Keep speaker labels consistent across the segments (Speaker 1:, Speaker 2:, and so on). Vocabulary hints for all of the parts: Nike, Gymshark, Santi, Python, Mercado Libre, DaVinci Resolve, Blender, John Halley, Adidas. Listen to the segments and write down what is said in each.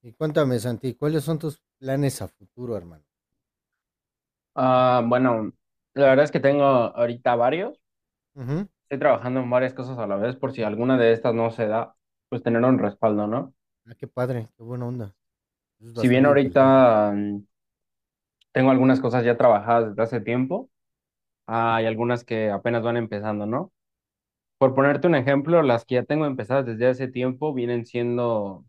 Speaker 1: Y cuéntame, Santi, ¿cuáles son tus planes a futuro, hermano?
Speaker 2: Ah, bueno, la verdad es que tengo ahorita varios.
Speaker 1: Ujú.
Speaker 2: Estoy trabajando en varias cosas a la vez por si alguna de estas no se da, pues tener un respaldo, ¿no?
Speaker 1: Ah, qué padre, qué buena onda. Es
Speaker 2: Si bien
Speaker 1: bastante inteligente.
Speaker 2: ahorita tengo algunas cosas ya trabajadas desde hace tiempo, hay algunas que apenas van empezando, ¿no? Por ponerte un ejemplo, las que ya tengo empezadas desde hace tiempo vienen siendo,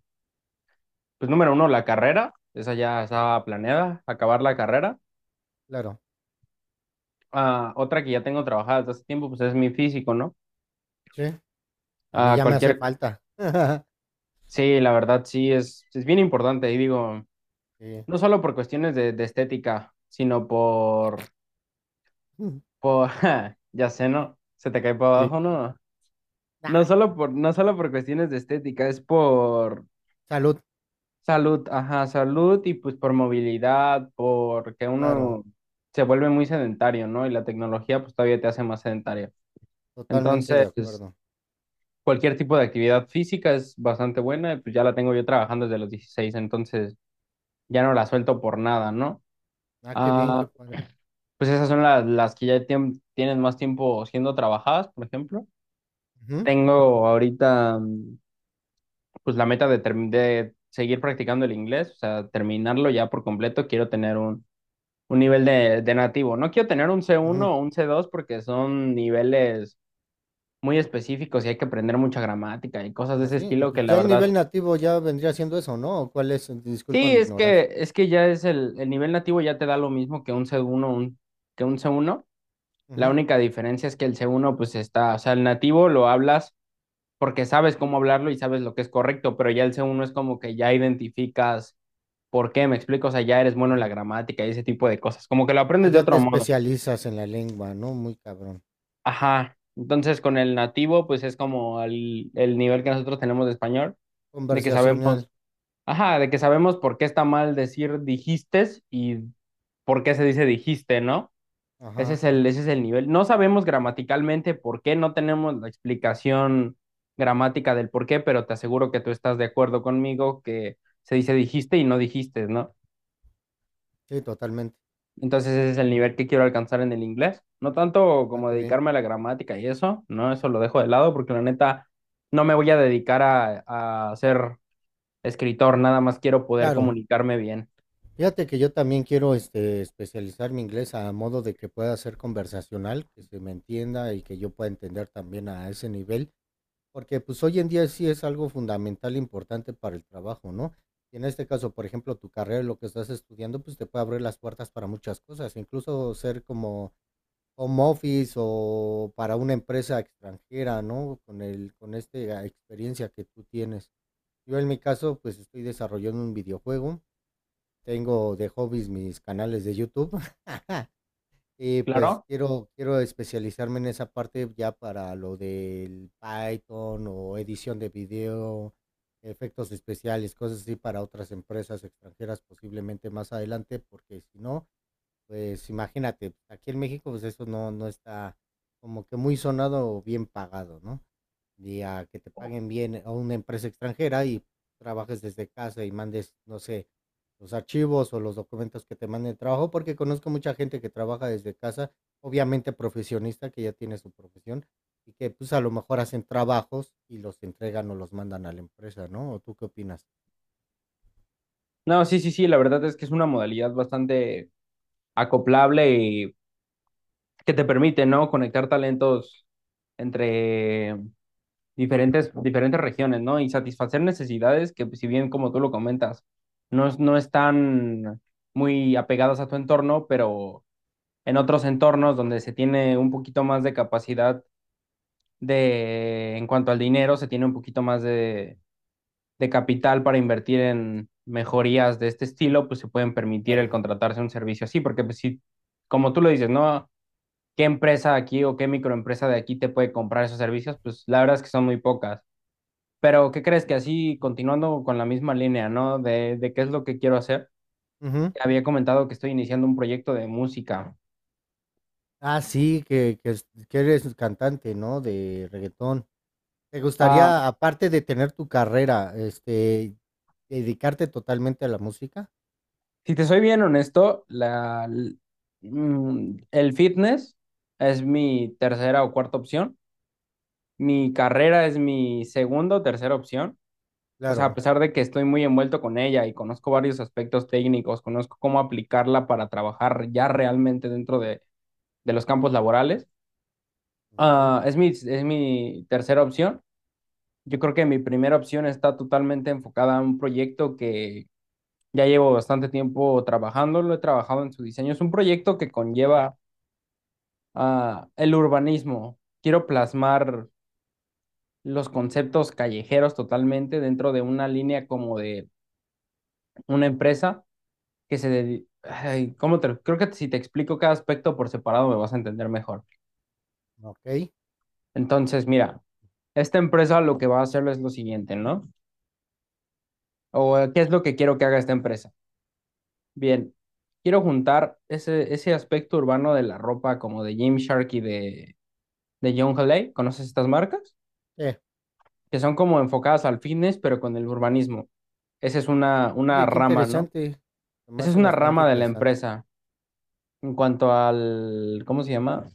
Speaker 2: pues número uno, la carrera. Esa ya estaba planeada, acabar la carrera.
Speaker 1: Claro.
Speaker 2: Ah, otra que ya tengo trabajada desde hace tiempo, pues es mi físico, ¿no?
Speaker 1: Sí. A mí
Speaker 2: A
Speaker 1: ya me hace
Speaker 2: cualquier
Speaker 1: falta.
Speaker 2: sí, la verdad sí, es bien importante. Y digo,
Speaker 1: Sí.
Speaker 2: no solo por cuestiones de estética, sino por, ja, ya sé, ¿no? Se te cae para
Speaker 1: Sí.
Speaker 2: abajo, ¿no? No
Speaker 1: Nah,
Speaker 2: solo por, no solo por cuestiones de estética, es por
Speaker 1: salud.
Speaker 2: salud, ajá, salud y pues por movilidad, porque
Speaker 1: Claro,
Speaker 2: uno se vuelve muy sedentario, ¿no? Y la tecnología pues todavía te hace más sedentario.
Speaker 1: totalmente de
Speaker 2: Entonces,
Speaker 1: acuerdo.
Speaker 2: cualquier tipo de actividad física es bastante buena y pues ya la tengo yo trabajando desde los 16, entonces ya no la suelto por nada, ¿no?
Speaker 1: Ah, qué bien, qué
Speaker 2: Ah,
Speaker 1: padre.
Speaker 2: pues esas son las que ya tienen más tiempo siendo trabajadas, por ejemplo.
Speaker 1: Ujú,
Speaker 2: Tengo ahorita pues la meta de, de seguir practicando el inglés, o sea, terminarlo ya por completo. Quiero tener un nivel de nativo. No quiero tener un c
Speaker 1: ujú.
Speaker 2: uno o un C2 porque son niveles muy específicos y hay que aprender mucha gramática y cosas de ese
Speaker 1: Así,
Speaker 2: estilo que
Speaker 1: pues
Speaker 2: la
Speaker 1: ya el nivel
Speaker 2: verdad...
Speaker 1: nativo ya vendría siendo eso, ¿no? ¿O cuál es? Disculpa
Speaker 2: Sí,
Speaker 1: mi
Speaker 2: es
Speaker 1: ignorancia.
Speaker 2: que, es que ya es el nivel nativo ya te da lo mismo que un C1, que un C1. La
Speaker 1: Ujú,
Speaker 2: única diferencia es que el C1 pues está, o sea, el nativo lo hablas porque sabes cómo hablarlo y sabes lo que es correcto, pero ya el C1 es como que ya identificas por qué, me explico, o sea, ya eres bueno en la
Speaker 1: ujú.
Speaker 2: gramática y ese tipo de cosas, como que lo aprendes de
Speaker 1: Allá te
Speaker 2: otro modo.
Speaker 1: especializas en la lengua, ¿no? Muy cabrón.
Speaker 2: Ajá, entonces con el nativo pues es como el nivel que nosotros tenemos de español, de que sabemos,
Speaker 1: Conversacional.
Speaker 2: ajá, de que sabemos por qué está mal decir dijistes y por qué se dice dijiste, ¿no?
Speaker 1: Ajá.
Speaker 2: Ese es el nivel. No sabemos gramaticalmente por qué, no tenemos la explicación gramática del por qué, pero te aseguro que tú estás de acuerdo conmigo que se dice dijiste y no dijiste, ¿no?
Speaker 1: Sí, totalmente.
Speaker 2: Entonces ese es el nivel que quiero alcanzar en el inglés. No tanto
Speaker 1: Ah,
Speaker 2: como
Speaker 1: qué bien.
Speaker 2: dedicarme a la gramática y eso, ¿no? Eso lo dejo de lado porque la neta no me voy a dedicar a ser escritor, nada más quiero poder
Speaker 1: Claro,
Speaker 2: comunicarme bien.
Speaker 1: fíjate que yo también quiero, especializar mi inglés a modo de que pueda ser conversacional, que se me entienda y que yo pueda entender también a ese nivel, porque, pues, hoy en día sí es algo fundamental importante para el trabajo, ¿no? Y en este caso, por ejemplo, tu carrera, lo que estás estudiando, pues, te puede abrir las puertas para muchas cosas, incluso ser como home office o para una empresa extranjera, ¿no? Con el con este, ah, experiencia que tú tienes. Yo en mi caso, pues, estoy desarrollando un videojuego, tengo de hobbies mis canales de YouTube. Y pues
Speaker 2: ¿Claro?
Speaker 1: quiero especializarme en esa parte ya para lo del Python o edición de video, efectos especiales, cosas así para otras empresas extranjeras posiblemente más adelante, porque si no, pues imagínate, pues, aquí en México, pues eso no, no está como que muy sonado o bien pagado, ¿no? Y a que te paguen bien a una empresa extranjera y trabajes desde casa y mandes, no sé, los archivos o los documentos que te manden el trabajo, porque conozco mucha gente que trabaja desde casa, obviamente profesionista, que ya tiene su profesión, y que pues a lo mejor hacen trabajos y los entregan o los mandan a la empresa, ¿no? ¿O tú qué opinas?
Speaker 2: No, sí, sí, sí, la verdad es que es una modalidad bastante acoplable y que te permite, ¿no? Conectar talentos entre diferentes, diferentes regiones, ¿no? Y satisfacer necesidades que, si bien, como tú lo comentas, no, no están muy apegadas a tu entorno, pero en otros entornos donde se tiene un poquito más de capacidad en cuanto al dinero, se tiene un poquito más de, capital para invertir en mejorías de este estilo, pues se pueden permitir el
Speaker 1: Claro.
Speaker 2: contratarse un servicio así, porque pues, si, como tú lo dices, ¿no? Qué empresa aquí o qué microempresa de aquí te puede comprar esos servicios, pues la verdad es que son muy pocas. Pero ¿qué crees que así, continuando con la misma línea, ¿no? De qué es lo que quiero hacer.
Speaker 1: Ujú.
Speaker 2: Te había comentado que estoy iniciando un proyecto de música.
Speaker 1: Ah, sí, que es que eres cantante, ¿no?, de reggaetón. ¿Te
Speaker 2: Ah,
Speaker 1: gustaría, aparte de tener tu carrera, dedicarte totalmente a la música?
Speaker 2: si te soy bien honesto, el fitness es mi tercera o cuarta opción. Mi carrera es mi segunda o tercera opción. O sea, a
Speaker 1: Claro,
Speaker 2: pesar de que estoy muy envuelto con ella y conozco varios aspectos técnicos, conozco cómo aplicarla para trabajar ya realmente dentro de los campos laborales,
Speaker 1: okey.
Speaker 2: ah, es mi tercera opción. Yo creo que mi primera opción está totalmente enfocada a un proyecto que ya llevo bastante tiempo trabajando, lo he trabajado en su diseño. Es un proyecto que conlleva ah, el urbanismo. Quiero plasmar los conceptos callejeros totalmente dentro de una línea como de una empresa que se
Speaker 1: Ujú,
Speaker 2: ay, ¿cómo te lo- creo que si te explico cada aspecto por separado me vas a entender mejor.
Speaker 1: okey.
Speaker 2: Entonces, mira, esta empresa lo que va a hacer es lo siguiente, ¿no? O qué es lo que quiero que haga esta empresa. Bien, quiero juntar ese aspecto urbano de la ropa como de Gymshark y de John Halley. ¿Conoces estas marcas?
Speaker 1: Eh,
Speaker 2: Que son como enfocadas al fitness, pero con el urbanismo. Esa es una
Speaker 1: Oye, qué
Speaker 2: rama, ¿no?
Speaker 1: interesante, se me
Speaker 2: Esa es
Speaker 1: hace
Speaker 2: una
Speaker 1: bastante
Speaker 2: rama de la
Speaker 1: interesante.
Speaker 2: empresa. En cuanto al ¿cómo se llama?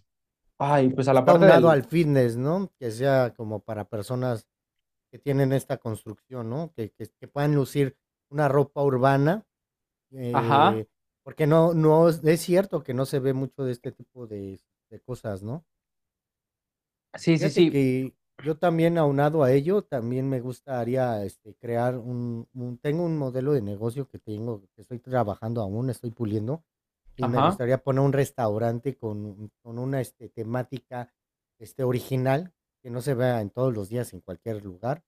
Speaker 2: Ay, pues a la
Speaker 1: Está
Speaker 2: parte
Speaker 1: unado
Speaker 2: del,
Speaker 1: al fitness, ¿no?, que sea como para personas que tienen esta construcción, ¿no?, que puedan lucir una ropa urbana.
Speaker 2: ajá,
Speaker 1: Eh, Porque no, es cierto que no se ve mucho de este tipo de cosas, ¿no?
Speaker 2: sí, sí,
Speaker 1: Fíjate
Speaker 2: sí.
Speaker 1: que yo también aunado a ello, también me gustaría, crear un, tengo un modelo de negocio que tengo, que estoy trabajando aún, estoy puliendo, y me
Speaker 2: Ajá,
Speaker 1: gustaría poner un restaurante con una, temática, original, que no se vea en todos los días en cualquier lugar.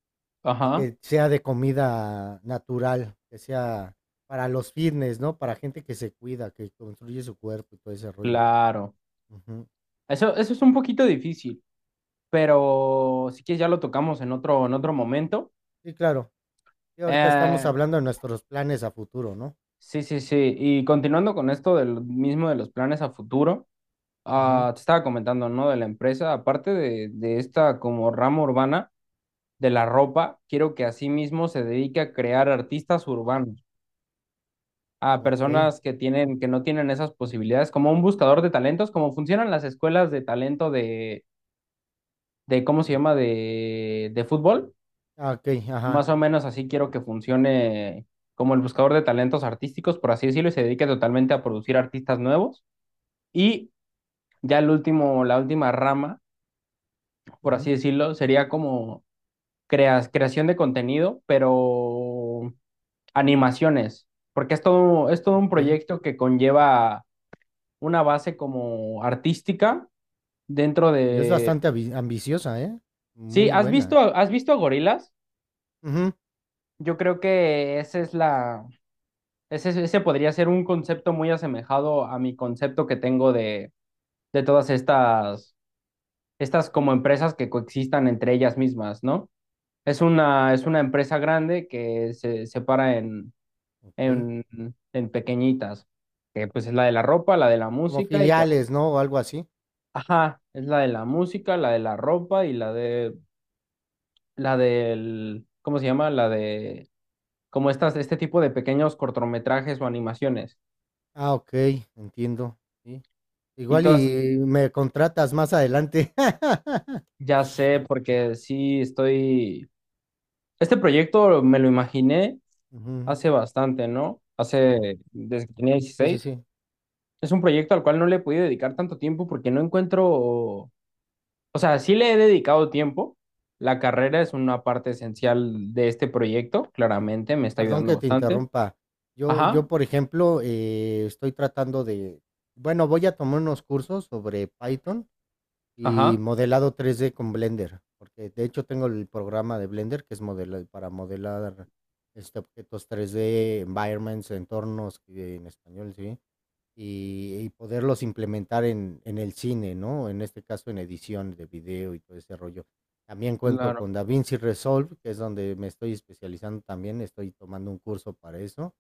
Speaker 1: Y
Speaker 2: ajá,
Speaker 1: que sea de comida natural, que sea para los fitness, ¿no? Para gente que se cuida, que construye su cuerpo y todo ese rollo.
Speaker 2: claro.
Speaker 1: Ujú.
Speaker 2: Eso es un poquito difícil, pero si quieres ya lo tocamos en otro momento.
Speaker 1: Sí, claro. Y ahorita estamos
Speaker 2: Eh,
Speaker 1: hablando de nuestros planes a futuro, ¿no?
Speaker 2: sí, sí, sí. Y continuando con esto del mismo de los planes a futuro,
Speaker 1: Ujú.
Speaker 2: ah, te estaba comentando, ¿no? De la empresa, aparte de esta como rama urbana de la ropa, quiero que asimismo se dedique a crear artistas urbanos, a
Speaker 1: Okey.
Speaker 2: personas que tienen, que no tienen esas posibilidades, como un buscador de talentos, como funcionan las escuelas de talento de cómo se
Speaker 1: De...
Speaker 2: llama de, fútbol.
Speaker 1: ah, okey, ajá.
Speaker 2: Más o menos así quiero que funcione como el buscador de talentos artísticos, por así decirlo, y se dedique totalmente a producir artistas nuevos. Y ya el último, la última rama, por así
Speaker 1: Ujú.
Speaker 2: decirlo, sería como creación de contenido, pero animaciones, porque es todo un
Speaker 1: Okey.
Speaker 2: proyecto que conlleva una base como artística dentro
Speaker 1: Y es
Speaker 2: de...
Speaker 1: bastante abi ambiciosa, ¿eh?
Speaker 2: Sí,
Speaker 1: Muy buena.
Speaker 2: has visto a gorilas?
Speaker 1: Ujú.
Speaker 2: Yo creo que esa es ese, ese podría ser un concepto muy asemejado a mi concepto que tengo de todas estas, como empresas que coexistan entre ellas mismas, ¿no? Es una empresa grande que se separa en,
Speaker 1: Okey.
Speaker 2: en, en pequeñitas, que pues es la de la ropa, la de la
Speaker 1: Como
Speaker 2: música y que,
Speaker 1: filiales, ¿no? O algo así.
Speaker 2: ajá, es la de la música, la de la ropa y la de, la del, ¿cómo se llama? La de, como estas, este tipo de pequeños cortometrajes o animaciones.
Speaker 1: Ah, okey, entiendo. Sí.
Speaker 2: Y
Speaker 1: Igual
Speaker 2: todas
Speaker 1: y me contratas más adelante.
Speaker 2: ya sé, porque sí estoy. Este proyecto me lo imaginé
Speaker 1: Ujú.
Speaker 2: hace bastante, ¿no? Hace, desde que tenía
Speaker 1: Sí, sí,
Speaker 2: 16.
Speaker 1: sí.
Speaker 2: Es un proyecto al cual no le he podido dedicar tanto tiempo porque no encuentro. O sea, sí le he dedicado tiempo. La carrera es una parte esencial de este proyecto,
Speaker 1: Mm.
Speaker 2: claramente, me está
Speaker 1: Perdón
Speaker 2: ayudando
Speaker 1: que te
Speaker 2: bastante.
Speaker 1: interrumpa. Yo
Speaker 2: Ajá,
Speaker 1: yo, por ejemplo, estoy tratando de, bueno, voy a tomar unos cursos sobre Python y
Speaker 2: ajá,
Speaker 1: modelado 3D con Blender, porque, de hecho, tengo el programa de Blender, que es modela para modelar, objetos 3D, environments, entornos, que en español, sí. Y poderlos implementar en el cine, ¿no? En este caso, en edición de video y todo ese rollo. También cuento
Speaker 2: claro,
Speaker 1: con DaVinci Resolve, que es donde me estoy especializando también, estoy tomando un curso para eso,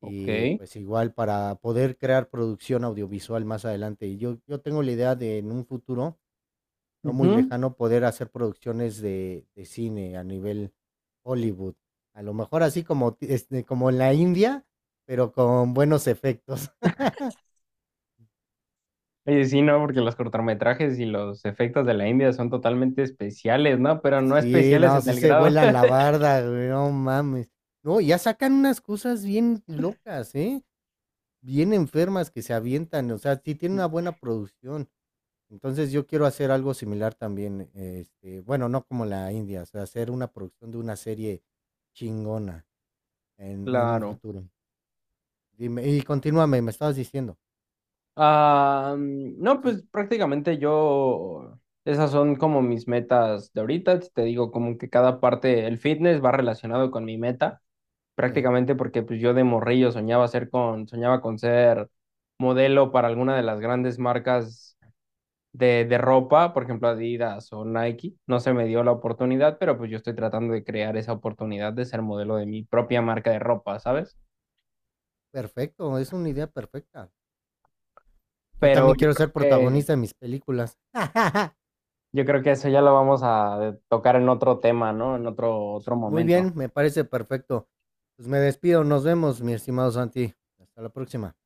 Speaker 2: ok.
Speaker 1: y, pues, igual para poder crear producción audiovisual más adelante. Y yo tengo la idea de, en un futuro no muy
Speaker 2: Ujú.
Speaker 1: lejano, poder hacer producciones de cine a nivel Hollywood. A lo mejor así como como en la India, pero con buenos efectos.
Speaker 2: Oye, sí, no, porque los cortometrajes y los efectos de la India son totalmente especiales, ¿no? Pero no
Speaker 1: Sí,
Speaker 2: especiales
Speaker 1: no,
Speaker 2: en
Speaker 1: sí
Speaker 2: el
Speaker 1: se
Speaker 2: grado.
Speaker 1: vuelan la barda, güey, no mames. No, ya sacan unas cosas bien locas, ¿eh? Bien enfermas que se avientan, o sea, sí tiene una buena producción. Entonces yo quiero hacer algo similar también, bueno, no como la India, o sea, hacer una producción de una serie chingona en, un
Speaker 2: Claro.
Speaker 1: futuro. Dime, y continúame, me estabas diciendo.
Speaker 2: Ah, mm, no,
Speaker 1: Sí,
Speaker 2: pues prácticamente yo, esas son como mis metas de ahorita. Si te digo como que cada parte, el fitness va relacionado con mi meta,
Speaker 1: sí.
Speaker 2: prácticamente porque pues yo de morrillo soñaba ser con, soñaba con ser modelo para alguna de las grandes marcas de ropa, por ejemplo Adidas o Nike. No se me dio la oportunidad, pero pues yo estoy tratando de crear esa oportunidad de ser modelo de mi propia marca de ropa, ¿sabes?
Speaker 1: Perfecto, es una idea perfecta. Yo
Speaker 2: Pero
Speaker 1: también
Speaker 2: yo
Speaker 1: quiero
Speaker 2: creo
Speaker 1: ser
Speaker 2: que
Speaker 1: protagonista de mis películas.
Speaker 2: yo creo que eso ya lo vamos a tocar en otro tema, ¿no? En otro
Speaker 1: Muy
Speaker 2: momento.
Speaker 1: bien, me parece perfecto. Pues me despido, nos vemos, mi estimado Santi. Hasta la próxima.